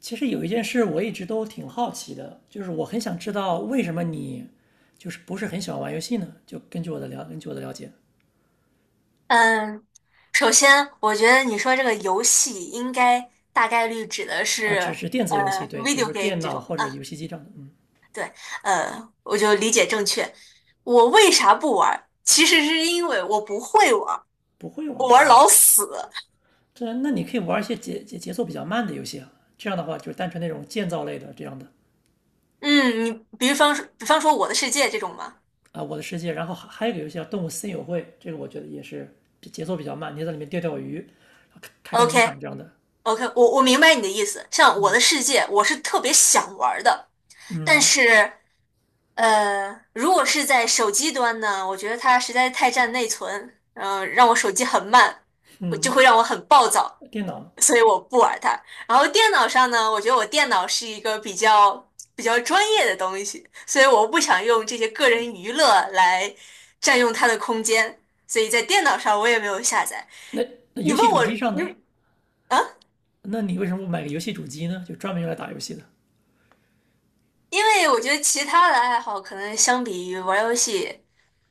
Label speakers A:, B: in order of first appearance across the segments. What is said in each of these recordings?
A: 其实有一件事我一直都挺好奇的，就是我很想知道为什么你就是不是很喜欢玩游戏呢？就根据我的了，根据我的了解
B: 嗯，首先，我觉得你说这个游戏应该大概率指的
A: 啊，
B: 是
A: 只是电子游戏，
B: 呃
A: 对，比如
B: video
A: 说
B: game
A: 电
B: 这
A: 脑
B: 种
A: 或者游
B: 啊，
A: 戏机这样的，嗯，
B: 对，我就理解正确。我为啥不玩儿？其实是因为我不会玩儿，
A: 不会玩
B: 我
A: 儿。
B: 玩儿
A: 嗯
B: 老死。
A: 这那你可以玩一些节奏比较慢的游戏啊，这样的话就是单纯那种建造类的这样的
B: 嗯，你比方说我的世界》这种吗
A: 啊，我的世界。然后还有一个游戏叫《动物森友会》，这个我觉得也是节奏比较慢，你在里面钓鱼，开开
B: o
A: 农场
B: k?
A: 这样的。
B: OK,我明白你的意思。像《我的世界》，我是特别想玩儿的，但
A: 嗯，
B: 是，如果是在手机端呢，我觉得它实在太占内存，让我手机很慢，我就会让我很暴躁，
A: 电脑
B: 所以我不玩它。然后电脑上呢，我觉得我电脑是一个比较专业的东西，所以我不想用这些个人娱乐来占用它的空间，所以在电脑上我也没有下载。
A: 那那
B: 你
A: 游戏
B: 问
A: 主
B: 我，
A: 机上
B: 你
A: 呢？
B: 啊？
A: 那你为什么不买个游戏主机呢？就专门用来打游戏的？
B: 因为我觉得其他的爱好可能相比于玩游戏，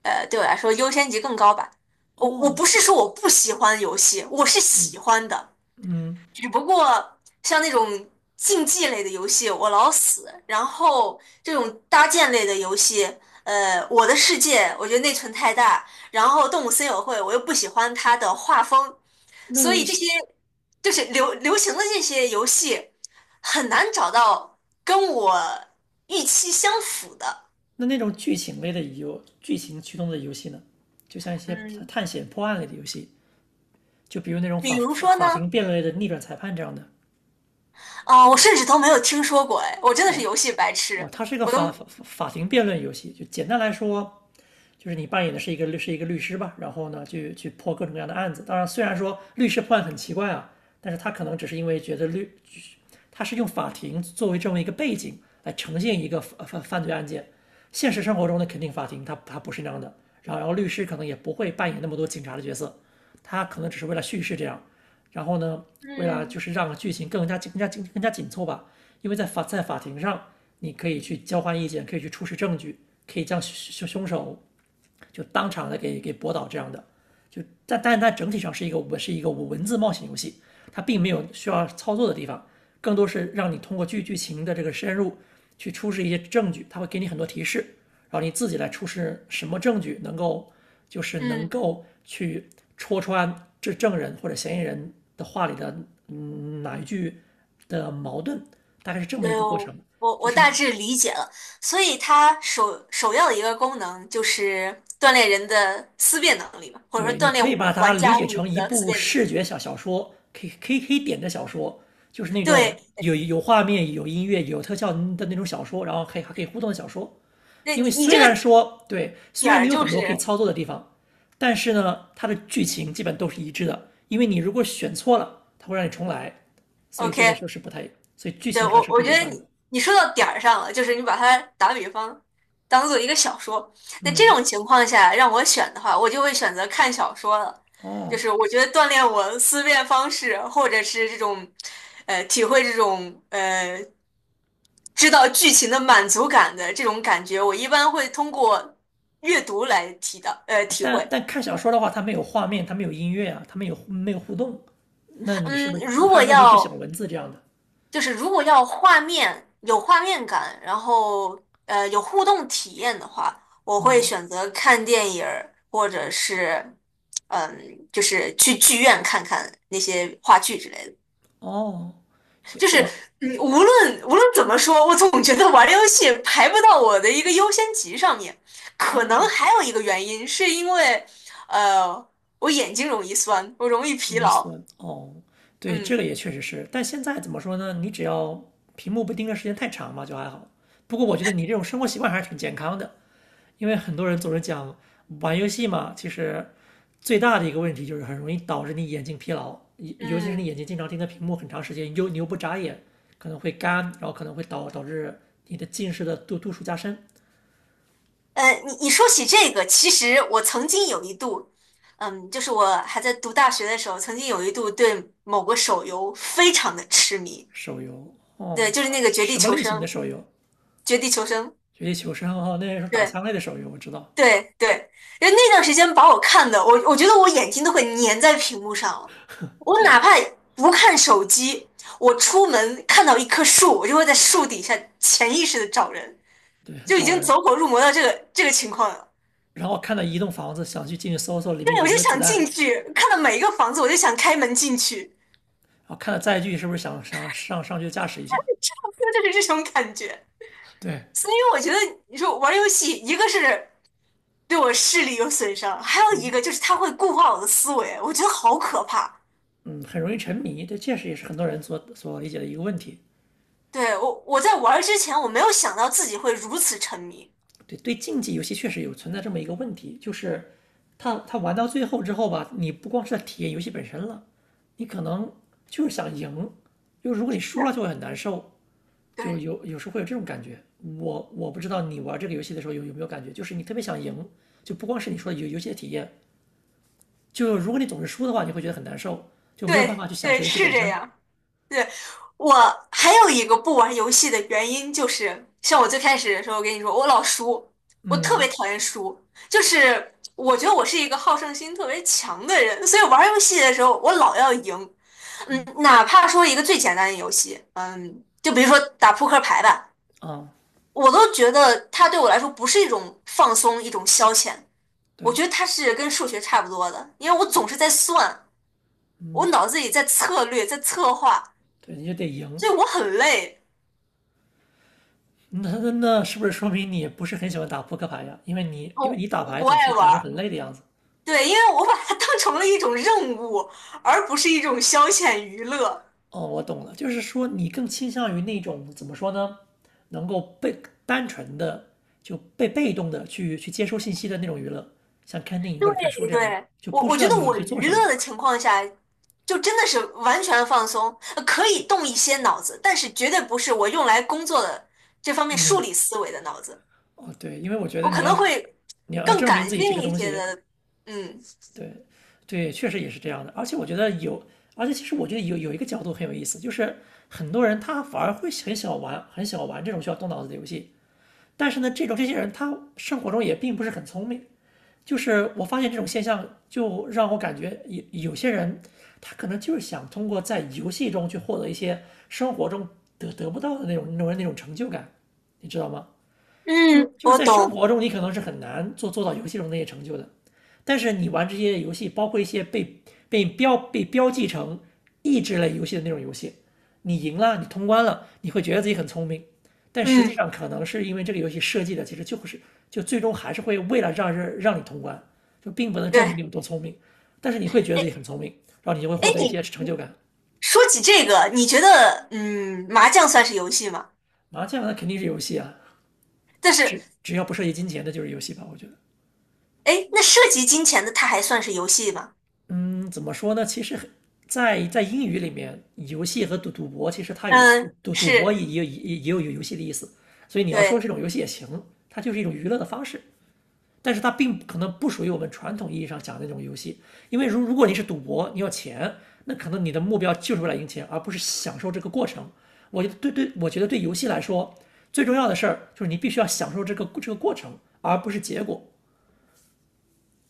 B: 对我来说优先级更高吧。我
A: 哦，
B: 不
A: 行，
B: 是说我不喜欢游戏，我是喜欢的，
A: 嗯，
B: 只不过像那种竞技类的游戏我老死，然后这种搭建类的游戏，我的世界我觉得内存太大，然后动物森友会我又不喜欢它的画风，所
A: 那一
B: 以这
A: 些
B: 些就是流行的这些游戏，很难找到跟我预期相符的。
A: 那那种剧情类的游，剧情驱动的游戏呢，就像一些
B: 嗯，
A: 探险破案类的游戏，就比如那种
B: 比
A: 法
B: 如
A: 法
B: 说呢，
A: 法庭辩论类的逆转裁判这样的。
B: 我甚至都没有听说过，哎，我真的是游戏白痴，
A: 哦，它是一个
B: 我都，
A: 法庭辩论游戏，就简单来说，就是你扮演的是一个律是一个律师吧，然后呢，去破各种各样的案子。当然，虽然说律师破案很奇怪啊，但是他可能只是因为觉得他它是用法庭作为这么一个背景来呈现一个犯罪案件。现实生活中的肯定法庭他不是那样的，然后律师可能也不会扮演那么多警察的角色，他可能只是为了叙事这样，然后呢，为了
B: 嗯
A: 就是让剧情更加紧凑吧，因为在法在法庭上，你可以去交换意见，可以去出示证据，可以将凶手就当场的给驳倒这样的。就但但它整体上是一个我是一个文字冒险游戏，它并没有需要操作的地方，更多是让你通过剧情的这个深入去出示一些证据，它会给你很多提示，然后你自己来出示什么证据能够就是能
B: 嗯，
A: 够去戳穿这证人或者嫌疑人的话里的哪一句的矛盾，大概是这么
B: 对，
A: 一个过
B: 我
A: 程。
B: 我
A: 就
B: 我
A: 是
B: 大致理解了。所以它首要的一个功能就是锻炼人的思辨能力嘛，或者说
A: 对，你
B: 锻
A: 可
B: 炼
A: 以
B: 我
A: 把它
B: 玩
A: 理
B: 家
A: 解
B: 我
A: 成一
B: 的思
A: 部
B: 辨能
A: 视
B: 力。
A: 觉小说，可以点的小说，就是那种
B: 对，
A: 有画面、有音乐、有特效的那种小说，然后可以还可以互动的小说。
B: 那
A: 因为
B: 你
A: 虽
B: 这
A: 然
B: 个
A: 说对，虽
B: 点
A: 然你
B: 儿
A: 有
B: 就
A: 很多可以
B: 是
A: 操作的地方，但是呢，它的剧情基本都是一致的。因为你如果选错了，它会让你重来，所以这个
B: OK,
A: 就是不太，所以剧
B: 对，
A: 情还
B: 我
A: 是
B: 我
A: 会
B: 觉
A: 连
B: 得
A: 贯的。
B: 你说到点儿上了，就是你把它打比方当做一个小说，那这
A: 嗯，
B: 种情况下让我选的话，我就会选择看小说了，就
A: 哦，
B: 是我觉得锻炼我思辨方式，或者是这种体会这种知道剧情的满足感的这种感觉，我一般会通过阅读来提到体
A: 但
B: 会。
A: 但看小说的话，它没有画面，它没有音乐啊，它没有互动，那你是
B: 嗯，
A: 不是
B: 如
A: 还
B: 果
A: 是说你只写
B: 要
A: 文字这样的？
B: 就是如果要画面有画面感，然后有互动体验的话，我会
A: 嗯，
B: 选择看电影儿，或者是嗯，就是去剧院看看那些话剧之类的。
A: 哦，行，
B: 就是
A: 我
B: 嗯，无论怎么说，我总觉得玩游戏排不到我的一个优先级上面。可能
A: 哦，
B: 还有一个原因是因为呃我眼睛容易酸，我容易疲
A: 容易
B: 劳。
A: 酸哦，对，这个
B: 嗯
A: 也确实是，但现在怎么说呢？你只要屏幕不盯着时间太长嘛，就还好。不过我觉得你这种生活习惯还是挺健康的，因为很多人总是讲玩游戏嘛，其实最大的一个问题就是很容易导致你眼睛疲劳，尤其是你
B: 嗯。
A: 眼睛经常盯着屏幕很长时间，又你又不眨眼，可能会干，然后可能会导致你的近视的度数加深。
B: 你说起这个，其实我曾经有一度，嗯，就是我还在读大学的时候，曾经有一度对某个手游非常的痴迷。
A: 手游
B: 对，
A: 哦，
B: 就是那个《绝地
A: 什么
B: 求
A: 类型
B: 生》，
A: 的手游？
B: 《绝地求生》
A: 绝地求生哦，那是打
B: 对。
A: 枪类的手游，我知道，
B: 对。因为那段时间把我看的，我觉得我眼睛都会粘在屏幕上了。我
A: 好
B: 哪
A: 吧。
B: 怕不看手机，我出门看到一棵树，我就会在树底下潜意识的找人，
A: 对，
B: 就已
A: 招
B: 经
A: 人。
B: 走火入魔到这个情况了。
A: 然后看到一栋房子，想去进去搜里面
B: 对，我
A: 有
B: 就
A: 没有子
B: 想
A: 弹，
B: 进
A: 然
B: 去，看到每一个房子，我就想开门进去，
A: 后看到载具是不是想上去驾驶一下。
B: 就是这种感觉。
A: 对，
B: 所以我觉得，你说玩游戏，一个是对我视力有损伤，还有一个就是它会固化我的思维，我觉得好可怕。
A: 嗯，很容易沉迷，这确实也是很多人所理解的一个问题。
B: 对，我在玩儿之前，我没有想到自己会如此沉迷。
A: 对，对，竞技游戏确实有存在这么一个问题，就是他玩到最后之后吧，你不光是在体验游戏本身了，你可能就是想赢，就如 果你输了
B: 是，
A: 就会很难受，就
B: 对
A: 有时候会有这种感觉。我不知道你玩这个游戏的时候有没有感觉，就是你特别想赢，就不光是你说的游戏的体验，就如果你总是输的话，你会觉得很难受，就没有办
B: 对
A: 法去享
B: 对，
A: 受游戏
B: 是
A: 本
B: 这
A: 身。
B: 样。对，我还有一个不玩游戏的原因就是，像我最开始的时候跟你说，我老输，我特
A: 嗯
B: 别讨厌输，就是我觉得我是一个好胜心特别强的人，所以玩游戏的时候我老要赢，哪怕说一个最简单的游戏，就比如说打扑克牌吧，
A: 啊，
B: 我都觉得它对我来说不是一种放松，一种消遣，我
A: 对，
B: 觉得它是跟数学差不多的，因为我总是在算，我
A: 嗯，
B: 脑子里在策略，在策划，
A: 对，你就得赢。
B: 所以我很累，
A: 那是不是说明你不是很喜欢打扑克牌呀？因为你因为你
B: 我
A: 打
B: 我
A: 牌
B: 不
A: 总是
B: 爱
A: 感觉
B: 玩。
A: 很累的样子。
B: 对，因为我把它当成了一种任务，而不是一种消遣娱乐。
A: 哦，我懂了，就是说你更倾向于那种怎么说呢，能够被单纯的就被动的去接收信息的那种娱乐，像看电影或者看书
B: 对
A: 这样的，
B: 对，
A: 就
B: 我
A: 不
B: 我
A: 需
B: 觉
A: 要
B: 得
A: 你
B: 我
A: 去做
B: 娱
A: 什么。
B: 乐的情况下，就真的是完全放松，可以动一些脑子，但是绝对不是我用来工作的这方面数
A: 嗯，
B: 理思维的脑子，
A: 哦，对，因为我觉得
B: 我
A: 你
B: 可
A: 要
B: 能会
A: 你要
B: 更
A: 证明
B: 感
A: 自己这
B: 性
A: 个
B: 一
A: 东
B: 些
A: 西，
B: 的。嗯
A: 对，对，确实也是这样的。而且我觉得有，而且其实我觉得有一个角度很有意思，就是很多人他反而会很想玩，很想玩这种需要动脑子的游戏。但是呢，这种这些人他生活中也并不是很聪明。就是我发现这种现象，就让我感觉有些人他可能就是想通过在游戏中去获得一些生活中得不到的那种成就感，你知道吗？就
B: 嗯，
A: 就是
B: 我
A: 在生
B: 懂。
A: 活中，你可能是很难做到游戏中那些成就的，但是你玩这些游戏，包括一些被标记成益智类游戏的那种游戏，你赢了，你通关了，你会觉得自己很聪明，但实际
B: 嗯，
A: 上可能是因为这个游戏设计的其实就是就最终还是会为了让人让你通关，就并不能证明
B: 对。
A: 你有多聪明，但是你会觉得自
B: 哎
A: 己很聪明，然后你就会
B: 哎，
A: 获得一
B: 你
A: 些成就
B: 你
A: 感。
B: 说起这个，你觉得麻将算是游戏吗？
A: 麻将那肯定是游戏啊，
B: 但是
A: 只要不涉及金钱的就是游戏吧，我觉得。
B: 哎，那涉及金钱的，它还算是游戏吗？
A: 嗯，怎么说呢？其实在在英语里面，游戏和赌博其实它有
B: 嗯，
A: 赌赌博
B: 是，
A: 也也也也有游戏的意思，所以你要说
B: 对。
A: 这种游戏也行，它就是一种娱乐的方式，但是它并不可能不属于我们传统意义上讲的那种游戏，因为如如果你是赌博，你要钱，那可能你的目标就是为了赢钱，而不是享受这个过程。我觉得对对，我觉得对游戏来说，最重要的事儿就是你必须要享受这个这个过程，而不是结果。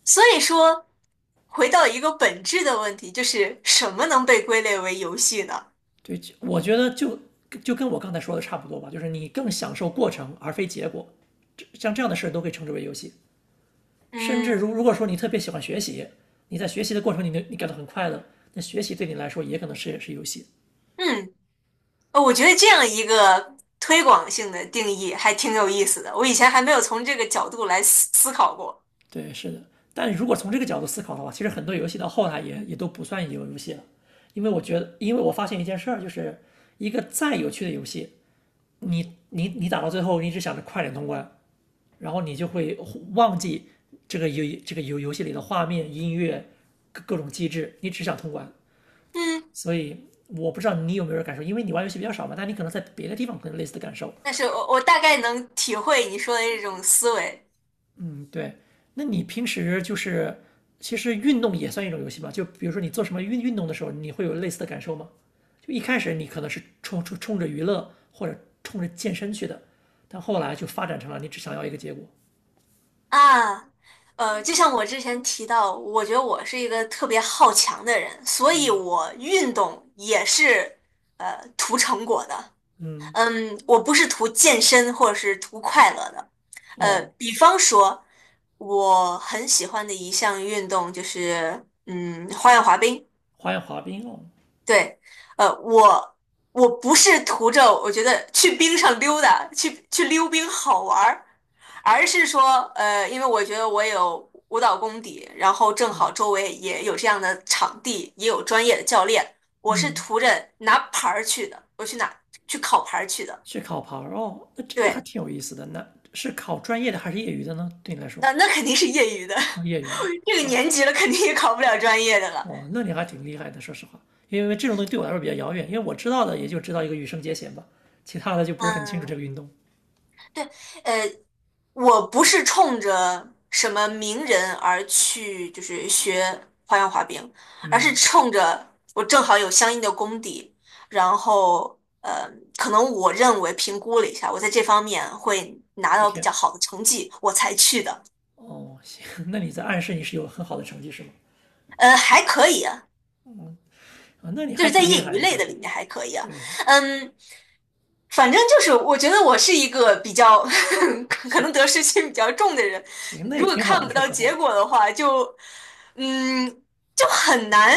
B: 所以说，回到一个本质的问题，就是什么能被归类为游戏呢？
A: 对，就我觉得就就跟我刚才说的差不多吧，就是你更享受过程而非结果，像这样的事都可以称之为游戏。甚至如如
B: 嗯
A: 果说你特别喜欢学习，你在学习的过程你感到很快乐，那学习对你来说也可能是也是游戏。
B: 嗯，我觉得这样一个推广性的定义还挺有意思的，我以前还没有从这个角度来思考过。
A: 对，是的。但如果从这个角度思考的话，其实很多游戏到后来也都不算游戏了，因为我觉得，因为我发现一件事儿，就是一个再有趣的游戏，你打到最后，你只想着快点通关，然后你就会忘记这个游这个游戏里的画面、音乐、各种机制，你只想通关。
B: 嗯，
A: 所以我不知道你有没有感受，因为你玩游戏比较少嘛，但你可能在别的地方可能类似的感受。
B: 但是我大概能体会你说的这种思维。
A: 嗯，对。那你平时就是其实运动也算一种游戏吧？就比如说你做什么运动的时候，你会有类似的感受吗？就一开始你可能是冲着娱乐或者冲着健身去的，但后来就发展成了你只想要一个结果。
B: 啊，就像我之前提到，我觉得我是一个特别好强的人，所以我运动也是图成果的。
A: 嗯，
B: 嗯，我不是图健身或者是图快乐的。呃，
A: 哦，
B: 比方说，我很喜欢的一项运动就是花样滑冰。
A: 花样滑冰哦，
B: 对，呃，我我不是图着我觉得去冰上溜达，去溜冰好玩儿，而是说，因为我觉得我有舞蹈功底，然后正好周围也有这样的场地，也有专业的教练，我是
A: 嗯。
B: 图着拿牌儿去的，我去拿去考牌儿去的。
A: 去烤盘儿哦，那这个还
B: 对，
A: 挺有意思的。那是考专业的还是业余的呢？对你来说，
B: 那肯定是业余的，
A: 业余的
B: 这个
A: 啊，
B: 年级了肯定也考不了专业的了。
A: 哦，那你还挺厉害的，说实话。因为这种东西对我来说比较遥远，因为我知道的也就知道一个羽生结弦吧，其他的就不是很清楚这个
B: 嗯。
A: 运动。
B: 呃。我不是冲着什么名人而去，就是学花样滑冰，而是
A: 嗯，
B: 冲着我正好有相应的功底，然后可能我认为评估了一下，我在这方面会拿
A: 有
B: 到比
A: 天，
B: 较好的成绩，我才去的。
A: 哦，行，那你在暗示你是有很好的成绩是吗？
B: 呃，还可以啊，
A: 啊，那你
B: 就
A: 还
B: 是在
A: 挺厉
B: 业
A: 害
B: 余
A: 的，
B: 类
A: 说
B: 的
A: 实
B: 里面
A: 话。
B: 还可以啊。
A: 对，
B: 嗯，反正就是，我觉得我是一个比较 可
A: 行
B: 能得失心比较重的人，
A: 行，那也
B: 如果
A: 挺
B: 看
A: 好的，
B: 不
A: 说
B: 到
A: 实
B: 结
A: 话。
B: 果的话，嗯，就很难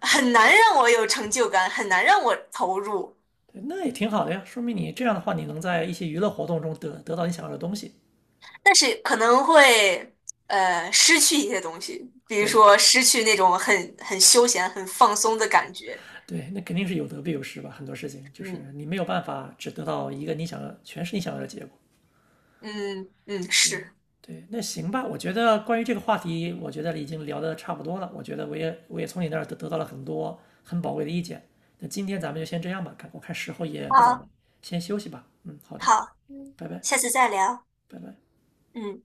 B: 很难让我有成就感，很难让我投入，
A: 对，那也挺好的呀，说明你这样的话，你能在一些娱乐活动中得到你想要的东西。
B: 但是可能会失去一些东西，比如
A: 对，
B: 说失去那种很休闲、很放松的感觉。
A: 对，那肯定是有得必有失吧。很多事情就是
B: 嗯
A: 你没有办法只得到一个你想要，全是你想要的结果。
B: 嗯嗯，
A: 对
B: 是，
A: 对，那行吧。我觉得关于这个话题，我觉得已经聊得差不多了。我觉得我也我也从你那儿得到了很多很宝贵的意见。那今天咱们就先这样吧，看我看时候也不早了，
B: 好，
A: 先休息吧。嗯，好的，
B: 好，嗯，
A: 拜拜，
B: 下次再聊。
A: 拜拜。
B: 嗯。